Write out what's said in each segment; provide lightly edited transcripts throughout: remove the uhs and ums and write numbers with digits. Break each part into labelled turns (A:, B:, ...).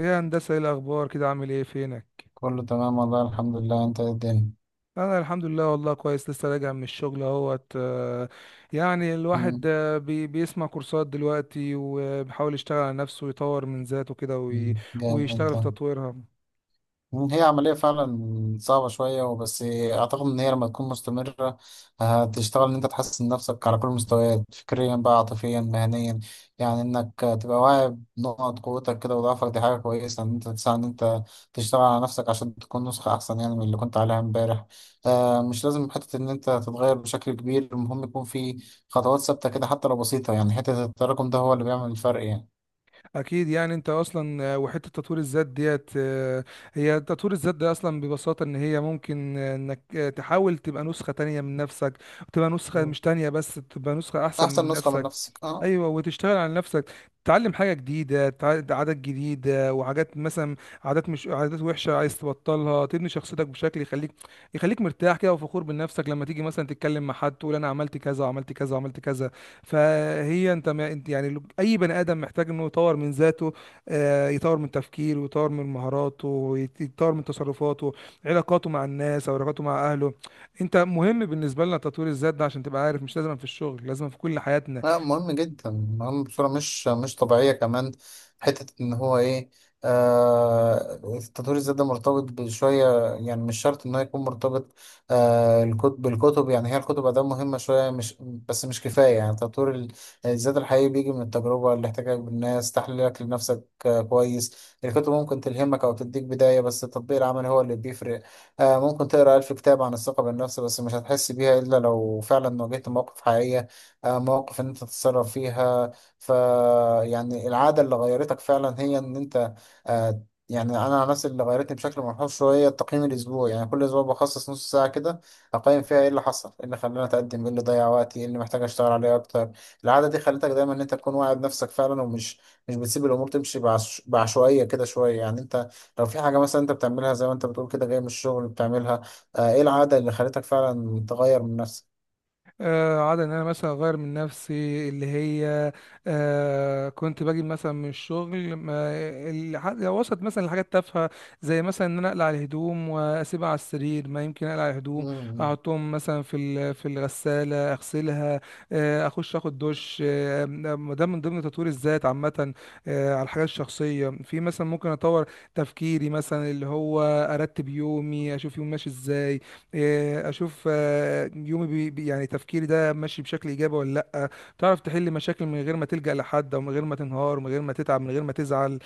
A: ايه يا هندسة، ايه الأخبار كده؟ عامل ايه؟ فينك؟
B: كله تمام والله الحمد لله، انت ايه الدنيا؟
A: أنا الحمد لله والله كويس، لسه راجع من الشغل اهوت. يعني الواحد
B: مم.
A: بيسمع كورسات دلوقتي وبيحاول يشتغل على نفسه ويطور من ذاته كده
B: مم. جامد
A: ويشتغل في
B: ده.
A: تطويرها.
B: مم. هي عملية فعلا صعبة شوية وبس أعتقد إن هي لما تكون مستمرة هتشتغل إن أنت تحسن نفسك على كل المستويات، فكريا بقى عاطفيا مهنيا. يعني إنك تبقى واعي بنقط قوتك كده وضعفك، دي حاجة كويسة إن أنت تساعد إن أنت تشتغل على نفسك عشان تكون نسخة أحسن، يعني من اللي كنت عليها إمبارح. مش لازم حتة إن أنت تتغير بشكل كبير، المهم يكون في خطوات ثابتة كده حتى لو بسيطة، يعني حتة التراكم ده هو اللي بيعمل الفرق يعني.
A: اكيد. يعني انت اصلا وحته تطوير الذات ديت، هي تطوير الذات ده اصلا ببساطه ان هي ممكن انك تحاول تبقى نسخه تانية من نفسك، وتبقى نسخه
B: مم.
A: مش تانية بس، تبقى نسخه احسن
B: أحسن
A: من
B: نسخة من
A: نفسك.
B: نفسك أه.
A: ايوه، وتشتغل على نفسك، تتعلم حاجه جديده، عادات جديده وحاجات، مثلا عادات مش عادات وحشه عايز تبطلها، تبني شخصيتك بشكل يخليك، يخليك مرتاح كده وفخور بنفسك لما تيجي مثلا تتكلم مع حد تقول انا عملت كذا وعملت كذا وعملت كذا. فهي انت، ما انت يعني اي بني ادم محتاج انه يطور من ذاته، يطور من تفكيره ويطور من مهاراته يطور من تصرفاته، علاقاته مع الناس او علاقاته مع اهله. انت مهم بالنسبه لنا تطوير الذات ده، عشان تبقى عارف مش لازم في الشغل، لازم في كل حياتنا.
B: لا، مهم جدا، مهم بصورة مش طبيعية كمان. حتة إن هو إيه، التطوير الذات ده مرتبط بشوية، يعني مش شرط إن هو يكون مرتبط. الكتب بالكتب، يعني هي الكتب أداة مهمة شوية، مش بس مش كفاية، يعني تطوير الذات الحقيقي بيجي من التجربة، الاحتكاك بالناس، تحليلك لنفسك كويس. الكتب ممكن تلهمك أو تديك بداية بس التطبيق العملي هو اللي بيفرق. ممكن تقرأ ألف كتاب عن الثقة بالنفس بس مش هتحس بيها إلا لو فعلا واجهت مواقف حقيقية، مواقف ان انت تتصرف فيها. ف يعني العاده اللي غيرتك فعلا هي ان انت، آه، يعني انا عن نفسي اللي غيرتني بشكل ملحوظ شويه التقييم الاسبوعي، يعني كل اسبوع بخصص نص ساعه كده اقيم فيها ايه اللي حصل، ايه اللي خلاني اتقدم، ايه اللي ضيع وقتي، ايه اللي محتاج اشتغل عليه اكتر. العاده دي خلتك دايما ان انت تكون واعي بنفسك فعلا، ومش مش بتسيب الامور تمشي بعشوائيه كده شويه. يعني انت لو في حاجه مثلا انت بتعملها زي ما انت بتقول كده جاي من الشغل بتعملها، ايه العاده اللي خلتك فعلا تغير من نفسك؟
A: عادة ان انا مثلا اغير من نفسي اللي هي، آه كنت باجي مثلا من الشغل، ما لو وصلت مثلا لحاجات تافهه، زي مثلا ان انا اقلع الهدوم واسيبها على السرير، ما يمكن اقلع الهدوم
B: مم.
A: احطهم مثلا في الغساله اغسلها. آه اخش اخد دش، آه. ده من ضمن تطوير الذات عامه. آه على الحاجات الشخصيه، في مثلا ممكن اطور تفكيري، مثلا اللي هو ارتب يومي، اشوف يومي ماشي ازاي. إيه، اشوف يومي يعني تفكيري ده ماشي بشكل ايجابي ولا لا، تعرف تحل مشاكل من غير ما تلجأ لحد او من غير ما تنهار، من غير ما تتعب، من غير ما تزعل.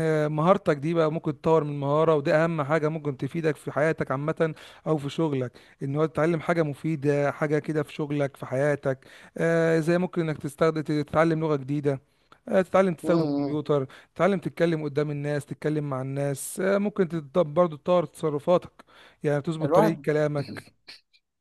A: مهارتك دي بقى ممكن تطور من مهارة، وده اهم حاجة ممكن تفيدك في حياتك عامة او في شغلك. ان هو تتعلم حاجة مفيدة، حاجة كده في شغلك في حياتك. زي ممكن انك تستخدم تتعلم لغة جديدة، تتعلم تستخدم
B: مم.
A: كمبيوتر، تتعلم تتكلم قدام الناس، تتكلم مع الناس. ممكن برضه تطور تصرفاتك، يعني بتظبط طريقة
B: الواحد
A: كلامك.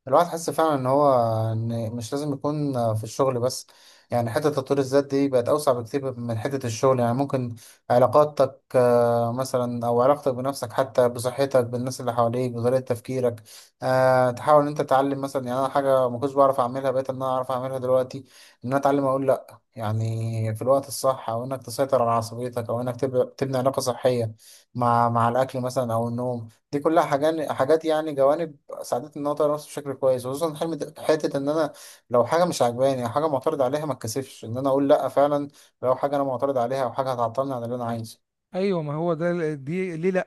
B: الواحد حس فعلا ان هو ان مش لازم يكون في الشغل بس، يعني حتة تطوير الذات دي بقت اوسع بكتير من حتة الشغل. يعني ممكن علاقاتك مثلا او علاقتك بنفسك حتى بصحتك بالناس اللي حواليك بطريقة تفكيرك. تحاول ان انت تتعلم مثلا، يعني انا حاجة ما كنتش بعرف اعملها بقيت ان انا اعرف اعملها دلوقتي، ان انا اتعلم اقول لا يعني في الوقت الصح، او انك تسيطر على عصبيتك، او انك تبني علاقة صحية مع الاكل مثلا او النوم. دي كلها حاجات يعني جوانب ساعدتني ان انا اطور نفسي بشكل كويس، وخصوصا حلم حته ان انا لو حاجه مش عاجباني او حاجه معترض عليها ما اتكسفش ان انا اقول لا فعلا، لو حاجه انا معترض عليها او حاجه هتعطلني عن اللي انا عايزه.
A: ايوه، ما هو ده دي ليه؟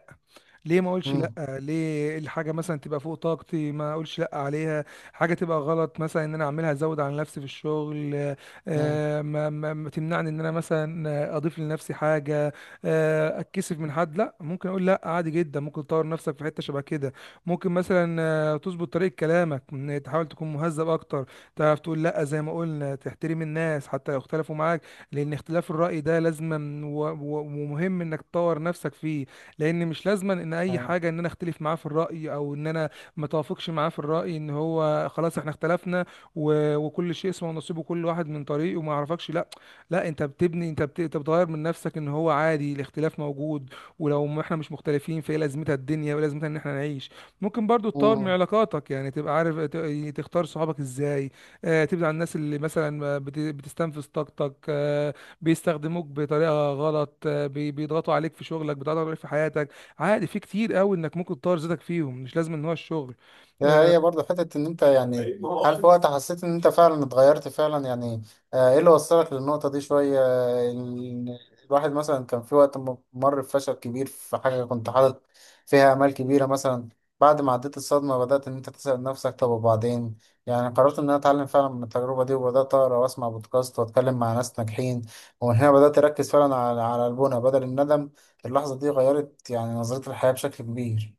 A: ليه ما اقولش لا؟
B: امم
A: ليه الحاجه مثلا تبقى فوق طاقتي ما اقولش لا عليها؟ حاجه تبقى غلط مثلا ان انا اعملها، ازود على نفسي في الشغل، ما تمنعني ان انا مثلا اضيف لنفسي حاجه، اتكسف من حد؟ لا، ممكن اقول لا عادي جدا. ممكن تطور نفسك في حته شبه كده، ممكن مثلا تظبط طريقه كلامك، إن تحاول تكون مهذب اكتر، تعرف تقول لا زي ما قلنا، تحترم الناس حتى لو اختلفوا معاك، لان اختلاف الراي ده لازم، ومهم انك تطور نفسك فيه. لان مش لازما ان اي حاجه ان انا اختلف معاه في الراي، او ان انا ما توافقش معاه في الراي، ان هو خلاص احنا اختلفنا وكل شيء اسمه ونصيبه كل واحد من طريقه، وما اعرفكش. لا، لا، انت بتبني، انت بتغير من نفسك، ان هو عادي الاختلاف موجود. ولو ما احنا مش مختلفين فايه لازمتها الدنيا، ولازمتها ان احنا نعيش. ممكن برضو تطور من
B: امم
A: علاقاتك، يعني تبقى عارف تختار صحابك ازاي. تبعد عن الناس اللي مثلا ما بت- بتستنفذ طاقتك، بيستخدموك بطريقه غلط، بيضغطوا عليك في شغلك، بيضغطوا عليك في حياتك. عادي، في كتير قوي انك ممكن تطور ذاتك فيهم، مش لازم ان هو الشغل.
B: ده
A: آه،
B: هي برضه حتة إن أنت يعني طيب، ما هو هل في أصلاً وقت حسيت إن أنت فعلا اتغيرت فعلا يعني؟ إيه اللي وصلك للنقطة دي شوية، الواحد مثلا كان في وقت مر بفشل كبير في حاجة كنت حاطط فيها آمال كبيرة مثلا. بعد ما عديت الصدمة بدأت إن أنت تسأل نفسك طب وبعدين، يعني قررت إن أنا أتعلم فعلا من التجربة دي، وبدأت أقرأ وأسمع بودكاست وأتكلم مع ناس ناجحين، ومن هنا بدأت أركز فعلا على البنى بدل الندم. اللحظة دي غيرت يعني نظرتي للحياة بشكل كبير.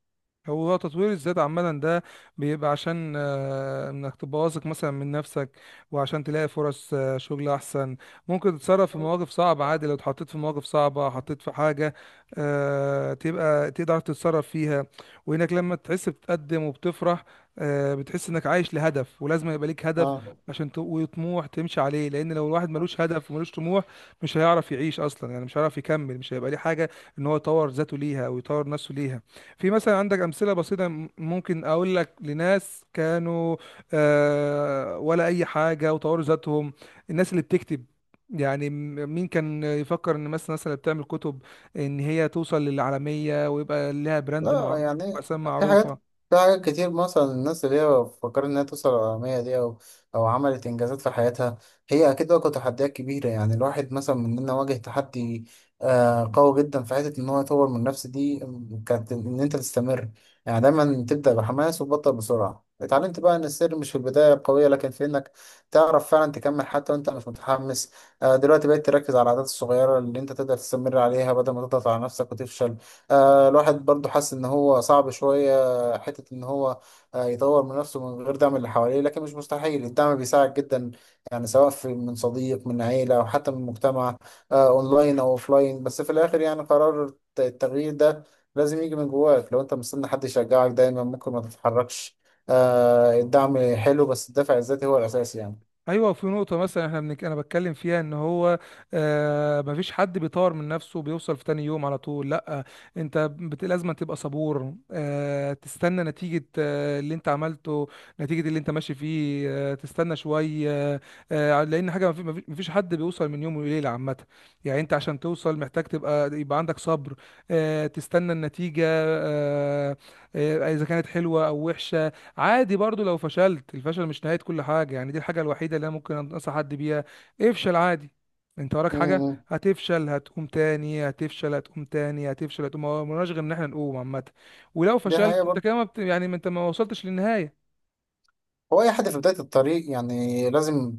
A: هو تطوير الذات عامة ده بيبقى عشان انك تبقى واثق مثلا من نفسك، وعشان تلاقي فرص شغل احسن. ممكن تتصرف في مواقف صعبة عادي، لو اتحطيت في مواقف صعبة، حطيت في حاجة، تبقى تقدر تتصرف فيها. وانك لما تحس بتتقدم وبتفرح، بتحس انك عايش لهدف، ولازم يبقى ليك هدف
B: آه.
A: عشان وطموح تمشي عليه. لان لو الواحد ملوش هدف وملوش طموح، مش هيعرف يعيش اصلا. يعني مش هيعرف يكمل، مش هيبقى ليه حاجة ان هو يطور ذاته ليها او يطور نفسه ليها. في مثلا عندك امثله بسيطه، ممكن اقول لك لناس كانوا ولا اي حاجه وطوروا ذاتهم. الناس اللي بتكتب، يعني مين كان يفكر ان مثلا الناس اللي بتعمل كتب ان هي توصل للعالميه ويبقى لها براند
B: لا
A: معروف
B: يعني
A: واسامي
B: في حاجات
A: معروفه؟
B: في حاجات كتير مثلا الناس اللي هي فكرت إنها توصل للعالمية دي، أو عملت إنجازات في حياتها. هي أكيد واجهت تحديات كبيرة، يعني الواحد مثلا مننا واجه تحدي قوي جدا في حتة إن هو يطور من نفسه، دي كانت إن أنت تستمر. يعني دايما تبدأ بحماس وتبطل بسرعة، اتعلمت بقى إن السر مش في البداية القوية لكن في إنك تعرف فعلا تكمل حتى وأنت مش متحمس. دلوقتي بقيت تركز على العادات الصغيرة اللي أنت تقدر تستمر عليها بدل ما تضغط على نفسك وتفشل. الواحد برضو حاسس ان هو صعب شوية حتة ان هو يطور من نفسه من غير دعم اللي حواليه، لكن مش مستحيل، الدعم بيساعد جدا. يعني سواء في من صديق من عيلة او حتى من مجتمع، اونلاين او اوفلاين، بس في الاخر يعني قرار التغيير ده لازم يجي من جواك، لو انت مستني حد يشجعك دايما ممكن ما تتحركش. الدعم حلو بس الدافع الذاتي هو الاساس يعني.
A: ايوه، في نقطه مثلا انا بتكلم فيها، ان هو آه مفيش حد بيطور من نفسه وبيوصل في تاني يوم على طول. لا، لازم تبقى صبور، آه تستنى نتيجه، آه اللي انت عملته، نتيجه اللي انت ماشي فيه. آه تستنى شويه، آه، لان حاجه مفيش حد بيوصل من يوم وليله عامه. يعني انت عشان توصل محتاج تبقى يبقى عندك صبر، آه تستنى النتيجه آه، اذا كانت حلوه او وحشه. عادي برضو لو فشلت، الفشل مش نهاية كل حاجة. يعني دي الحاجة الوحيدة اللي انا ممكن انصح حد بيها، افشل عادي، انت وراك
B: م-
A: حاجة،
B: م.
A: هتفشل هتقوم تاني، هتفشل هتقوم تاني، هتفشل هتقوم، هو ملناش غير ان احنا نقوم عامة. ولو
B: دي حقيقة
A: فشلت انت
B: برضو.
A: كده ما بت... يعني ما انت ما وصلتش للنهاية.
B: هو اي حد في بداية الطريق يعني لازم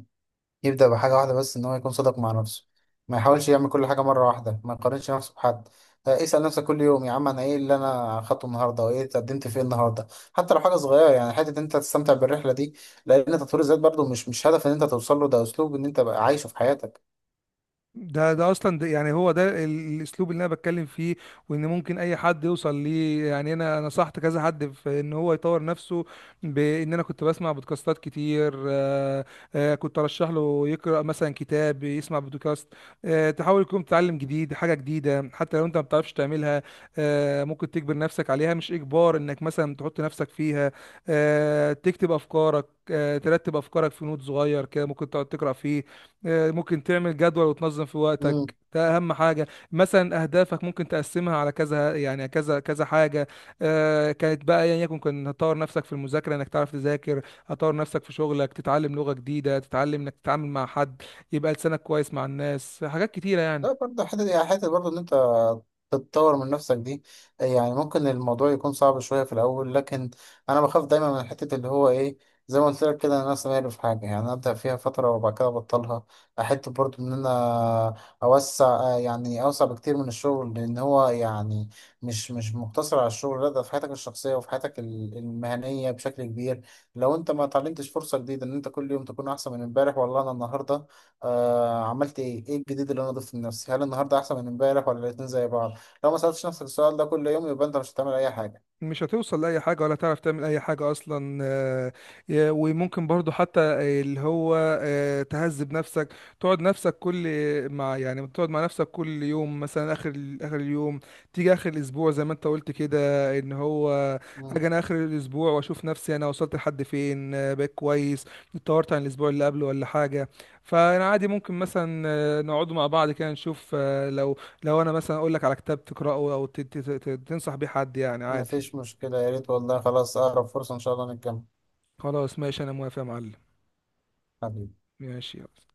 B: يبدأ بحاجة واحدة، بس إن هو يكون صادق مع نفسه، ما يحاولش يعمل كل حاجة مرة واحدة، ما يقارنش نفسه بحد. اسأل نفسك كل يوم يا عم، أنا إيه اللي أنا خدته النهاردة وإيه اتقدمت فيه النهاردة، حتى لو حاجة صغيرة، يعني حتة إن أنت تستمتع بالرحلة دي، لأن تطوير الذات برضو مش هدف إن أنت توصل له، ده أسلوب إن أنت بقى عايشه في حياتك.
A: ده ده اصلا ده يعني هو ده الاسلوب اللي انا بتكلم فيه، وان ممكن اي حد يوصل ليه. يعني انا نصحت كذا حد في ان هو يطور نفسه، بان انا كنت بسمع بودكاستات كتير، كنت ارشح له يقرا مثلا كتاب، يسمع بودكاست. تحاول يكون تتعلم جديد حاجه جديده، حتى لو انت ما بتعرفش تعملها، ممكن تجبر نفسك عليها، مش اجبار، انك مثلا تحط نفسك فيها. تكتب افكارك، ترتب افكارك في نوت صغير كده ممكن تقعد تقرا فيه. ممكن تعمل جدول وتنظم في وقتك، ده اهم حاجه. مثلا اهدافك ممكن تقسمها على كذا، يعني كذا كذا حاجه. كانت بقى ايا يعني يكن، كنت هتطور نفسك في المذاكره انك تعرف تذاكر، هتطور نفسك في شغلك، تتعلم لغه جديده، تتعلم انك تتعامل مع حد، يبقى لسانك كويس مع الناس، حاجات كتيره يعني.
B: لا برضه حتة يعني، حتة برضه إن أنت تتطور من نفسك دي، يعني ممكن الموضوع يكون صعب شوية في الأول، لكن أنا بخاف دايما من حتة اللي هو إيه، زي ما قلت لك كده، أنا سامعني في حاجة يعني أبدأ فيها فترة وبعد كده أبطلها. أحب برضه إن أنا أوسع، يعني أوسع بكتير من الشغل، لأن هو يعني مش مقتصر على الشغل، لا ده في حياتك الشخصية وفي حياتك المهنية بشكل كبير. لو أنت ما اتعلمتش فرصة جديدة إن أنت كل يوم تكون أحسن من إمبارح، والله أنا النهاردة عملت ايه، ايه الجديد اللي انا ضفته لنفسي، هل النهارده احسن من امبارح ولا الاتنين زي بعض؟ لو ما سالتش نفسك السؤال ده كل يوم يبقى انت مش هتعمل اي حاجه.
A: مش هتوصل لأي حاجة، ولا تعرف تعمل أي حاجة أصلا. وممكن برضو حتى اللي هو تهذب نفسك، تقعد نفسك كل، مع يعني تقعد مع نفسك كل يوم مثلا آخر آخر اليوم، تيجي آخر الأسبوع زي ما أنت قلت كده، إن هو
B: مم.
A: أجي أنا آخر الأسبوع وأشوف نفسي، أنا وصلت لحد فين، بقيت كويس، اتطورت عن الأسبوع اللي قبله ولا حاجة. فأنا عادي ممكن مثلا نقعد مع بعض كده نشوف، لو أنا مثلا أقول لك على كتاب تقرأه أو تنصح بيه حد، يعني عادي.
B: مفيش مشكله، يا ريت والله، خلاص اقرب فرصه ان شاء الله نتجمع.
A: خلاص ماشي، انا موافق يا معلم.
B: حبيبي.
A: ماشي.